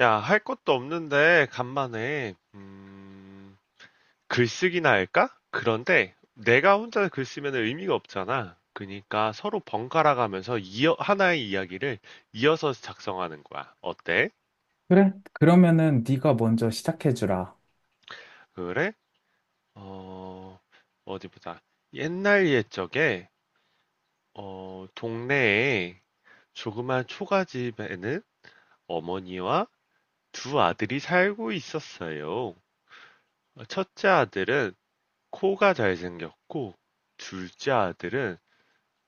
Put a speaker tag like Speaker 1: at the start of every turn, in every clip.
Speaker 1: 야, 할 것도 없는데 간만에 글쓰기나 할까? 그런데 내가 혼자 글 쓰면 의미가 없잖아. 그러니까 서로 번갈아 가면서 하나의 이야기를 이어서 작성하는 거야. 어때?
Speaker 2: 그래? 그러면은 네가 먼저 시작해주라.
Speaker 1: 그래? 어, 어디 보자. 옛날 옛적에 동네에 조그만 초가집에는 어머니와 두 아들이 살고 있었어요. 첫째 아들은 코가 잘생겼고 둘째 아들은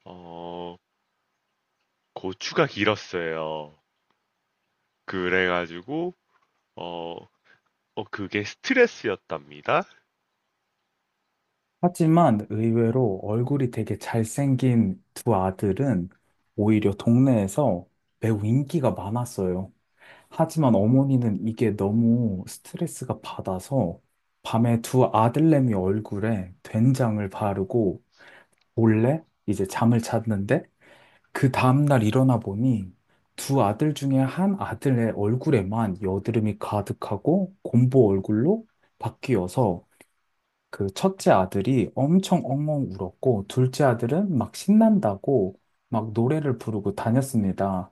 Speaker 1: 어 고추가 길었어요. 그래가지고 어, 그게 스트레스였답니다.
Speaker 2: 하지만 의외로 얼굴이 되게 잘생긴 두 아들은 오히려 동네에서 매우 인기가 많았어요. 하지만 어머니는 이게 너무 스트레스가 받아서 밤에 두 아들내미 얼굴에 된장을 바르고 몰래 이제 잠을 잤는데, 그 다음날 일어나 보니 두 아들 중에 한 아들의 얼굴에만 여드름이 가득하고 곰보 얼굴로 바뀌어서 그 첫째 아들이 엄청 엉엉 울었고, 둘째 아들은 막 신난다고 막 노래를 부르고 다녔습니다.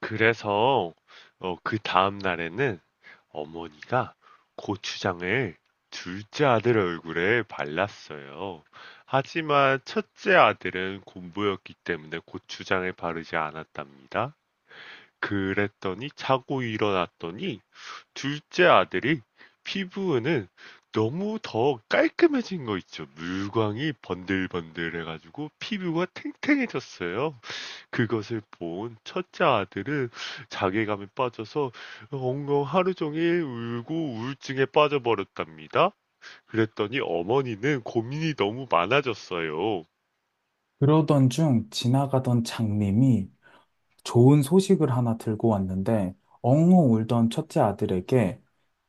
Speaker 1: 그래서 그 다음 날에는 어머니가 고추장을 둘째 아들 얼굴에 발랐어요. 하지만 첫째 아들은 곤보였기 때문에 고추장을 바르지 않았답니다. 그랬더니 자고 일어났더니 둘째 아들이 피부는 너무 더 깔끔해진 거 있죠. 물광이 번들번들해가지고 피부가 탱탱해졌어요. 그것을 본 첫째 아들은 자괴감에 빠져서 엉엉 하루 종일 울고 우울증에 빠져버렸답니다. 그랬더니 어머니는 고민이 너무 많아졌어요.
Speaker 2: 그러던 중 지나가던 장님이 좋은 소식을 하나 들고 왔는데, 엉엉 울던 첫째 아들에게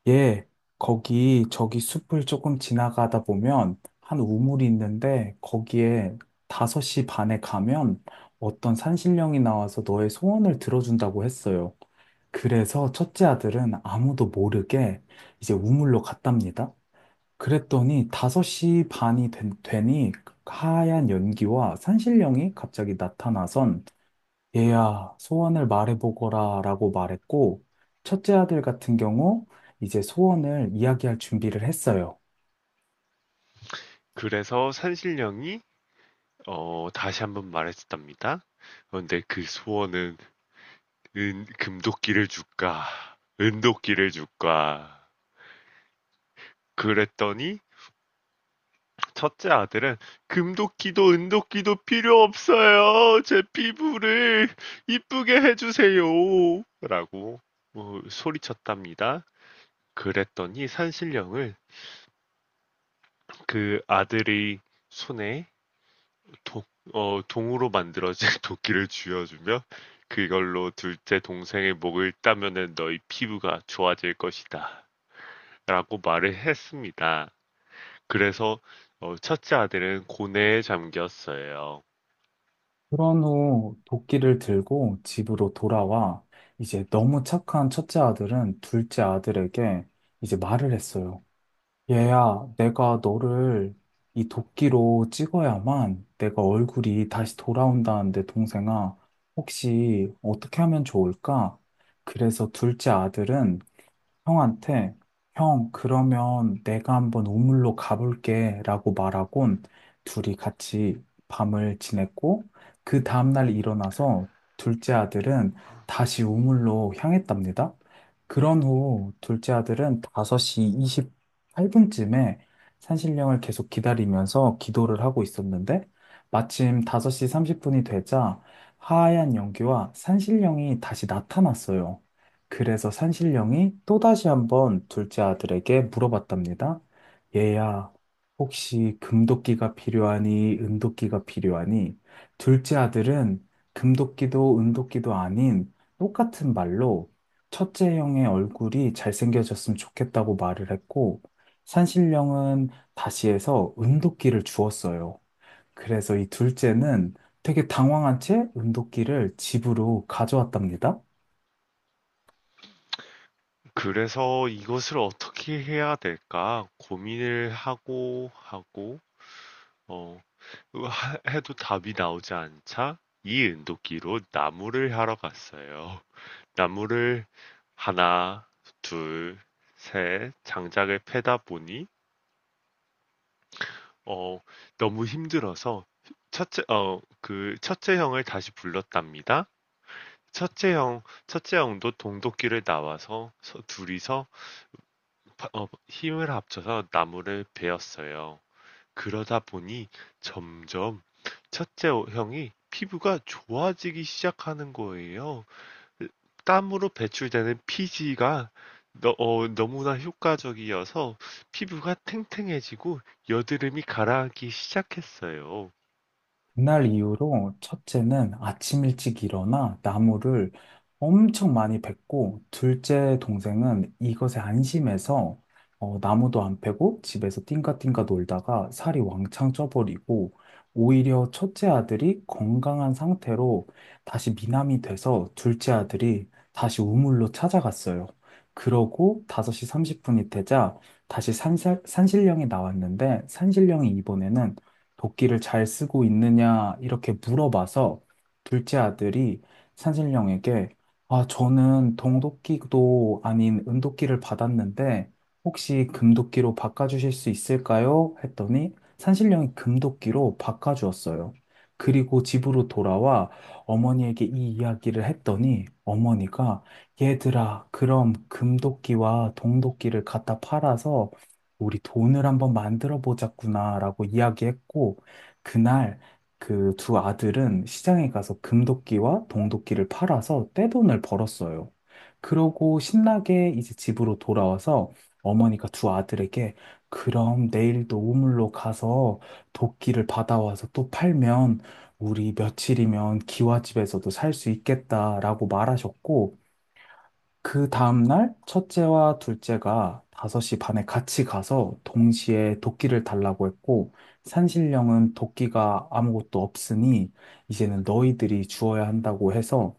Speaker 2: 얘, 거기 저기 숲을 조금 지나가다 보면 한 우물이 있는데 거기에 5시 반에 가면 어떤 산신령이 나와서 너의 소원을 들어준다고 했어요. 그래서 첫째 아들은 아무도 모르게 이제 우물로 갔답니다. 그랬더니 5시 반이 되니 하얀 연기와 산신령이 갑자기 나타나선, 얘야, 소원을 말해보거라 라고 말했고, 첫째 아들 같은 경우 이제 소원을 이야기할 준비를 했어요.
Speaker 1: 그래서 산신령이 다시 한번 말했답니다. 그런데 그 소원은 금도끼를 줄까? 은도끼를 줄까? 그랬더니 첫째 아들은 금도끼도 은도끼도 필요 없어요. 제 피부를 이쁘게 해주세요. 라고 뭐 소리쳤답니다. 그랬더니 산신령을 그 아들의 손에 도, 동으로 만들어진 도끼를 쥐어주며 그걸로 둘째 동생의 목을 따면은 너희 피부가 좋아질 것이다. 라고 말을 했습니다. 그래서 첫째 아들은 고뇌에 잠겼어요.
Speaker 2: 그런 후 도끼를 들고 집으로 돌아와 이제 너무 착한 첫째 아들은 둘째 아들에게 이제 말을 했어요. 얘야, 내가 너를 이 도끼로 찍어야만 내가 얼굴이 다시 돌아온다는데, 동생아, 혹시 어떻게 하면 좋을까? 그래서 둘째 아들은 형한테, 형, 그러면 내가 한번 우물로 가볼게 라고 말하곤, 둘이 같이 밤을 지냈고, 그 다음날 일어나서 둘째 아들은 다시 우물로 향했답니다. 그런 후 둘째 아들은 5시 28분쯤에 산신령을 계속 기다리면서 기도를 하고 있었는데, 마침 5시 30분이 되자 하얀 연기와 산신령이 다시 나타났어요. 그래서 산신령이 또다시 한번 둘째 아들에게 물어봤답니다. 얘야, 혹시 금도끼가 필요하니, 은도끼가 필요하니? 둘째 아들은 금도끼도 은도끼도 아닌 똑같은 말로 첫째 형의 얼굴이 잘생겨졌으면 좋겠다고 말을 했고, 산신령은 다시 해서 은도끼를 주었어요. 그래서 이 둘째는 되게 당황한 채 은도끼를 집으로 가져왔답니다.
Speaker 1: 그래서 이것을 어떻게 해야 될까 고민을 하고 어, 해도 답이 나오지 않자 이 은도끼로 나무를 하러 갔어요. 나무를 하나, 둘, 셋 장작을 패다 보니 어, 너무 힘들어서 그 첫째 형을 다시 불렀답니다. 첫째 형, 첫째 형도 동독길을 나와서 둘이서 힘을 합쳐서 나무를 베었어요. 그러다 보니 점점 첫째 형이 피부가 좋아지기 시작하는 거예요. 땀으로 배출되는 피지가 너무나 효과적이어서 피부가 탱탱해지고 여드름이 가라앉기 시작했어요.
Speaker 2: 그날 이후로 첫째는 아침 일찍 일어나 나무를 엄청 많이 뱄고, 둘째 동생은 이것에 안심해서 나무도 안 패고 집에서 띵가띵가 놀다가 살이 왕창 쪄버리고, 오히려 첫째 아들이 건강한 상태로 다시 미남이 돼서 둘째 아들이 다시 우물로 찾아갔어요. 그러고 5시 30분이 되자 다시 산신령이 나왔는데, 산신령이 이번에는 도끼를 잘 쓰고 있느냐 이렇게 물어봐서 둘째 아들이 산신령에게, 아, 저는 동도끼도 아닌 은도끼를 받았는데 혹시 금도끼로 바꿔주실 수 있을까요? 했더니 산신령이 금도끼로 바꿔주었어요. 그리고 집으로 돌아와 어머니에게 이 이야기를 했더니 어머니가 얘들아, 그럼 금도끼와 동도끼를 갖다 팔아서 우리 돈을 한번 만들어 보자꾸나라고 이야기했고, 그날 그 두 아들은 시장에 가서 금도끼와 동도끼를 팔아서 떼돈을 벌었어요. 그러고 신나게 이제 집으로 돌아와서 어머니가 두 아들에게, 그럼 내일도 우물로 가서 도끼를 받아와서 또 팔면 우리 며칠이면 기와집에서도 살 수 있겠다라고 말하셨고, 그 다음날 첫째와 둘째가 5시 반에 같이 가서 동시에 도끼를 달라고 했고, 산신령은 도끼가 아무것도 없으니 이제는 너희들이 주어야 한다고 해서,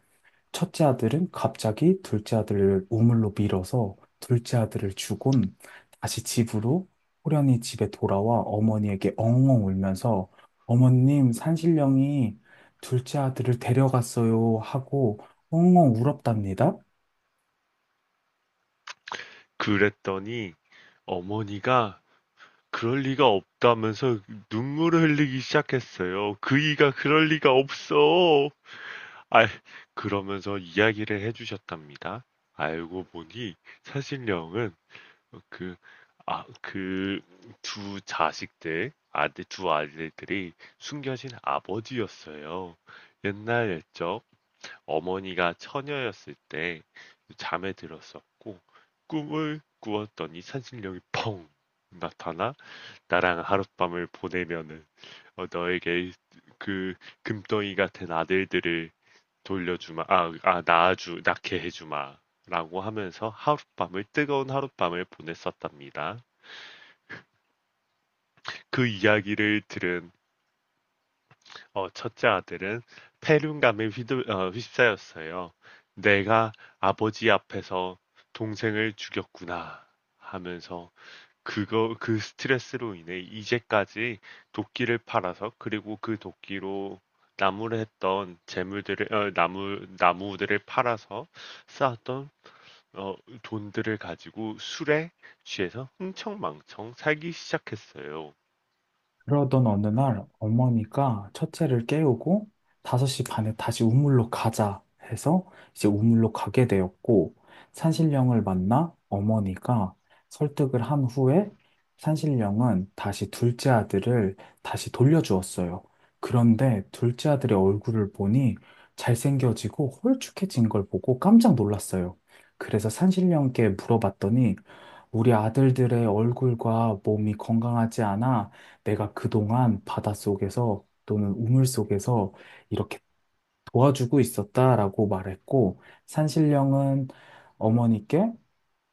Speaker 2: 첫째 아들은 갑자기 둘째 아들을 우물로 밀어서 둘째 아들을 주곤 다시 집으로, 호련히 집에 돌아와 어머니에게 엉엉 울면서, 어머님, 산신령이 둘째 아들을 데려갔어요 하고 엉엉 울었답니다.
Speaker 1: 그랬더니 어머니가 그럴 리가 없다면서 눈물을 흘리기 시작했어요. 그이가 그럴 리가 없어. 아, 그러면서 이야기를 해주셨답니다. 알고 보니 사신령은 그, 그 두 아들들이 숨겨진 아버지였어요. 옛날 옛적 어머니가 처녀였을 때 잠에 들었었고 꿈을 꾸었더니 산신령이 펑 나타나 나랑 하룻밤을 보내면은 너에게 그 금덩이 같은 아들들을 돌려주마, 낳게 해주마. 라고 하면서 하룻밤을, 뜨거운 하룻밤을 보냈었답니다. 그 이야기를 들은 첫째 아들은 패륜감에 휩싸였어요. 내가 아버지 앞에서 동생을 죽였구나 하면서 그거 그 스트레스로 인해 이제까지 도끼를 팔아서 그리고 그 도끼로 나무를 했던 나무들을 팔아서 쌓았던 어, 돈들을 가지고 술에 취해서 흥청망청 살기 시작했어요.
Speaker 2: 그러던 어느 날 어머니가 첫째를 깨우고 5시 반에 다시 우물로 가자 해서 이제 우물로 가게 되었고, 산신령을 만나 어머니가 설득을 한 후에 산신령은 다시 둘째 아들을 다시 돌려주었어요. 그런데 둘째 아들의 얼굴을 보니 잘생겨지고 홀쭉해진 걸 보고 깜짝 놀랐어요. 그래서 산신령께 물어봤더니, 우리 아들들의 얼굴과 몸이 건강하지 않아 내가 그동안 바닷속에서 또는 우물 속에서 이렇게 도와주고 있었다라고 말했고, 산신령은 어머니께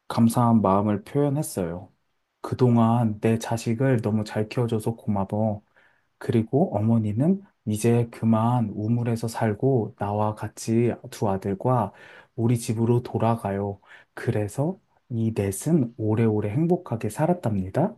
Speaker 2: 감사한 마음을 표현했어요. 그동안 내 자식을 너무 잘 키워줘서 고마워. 그리고 어머니는 이제 그만 우물에서 살고 나와 같이 두 아들과 우리 집으로 돌아가요. 그래서 이 넷은 오래오래 행복하게 살았답니다.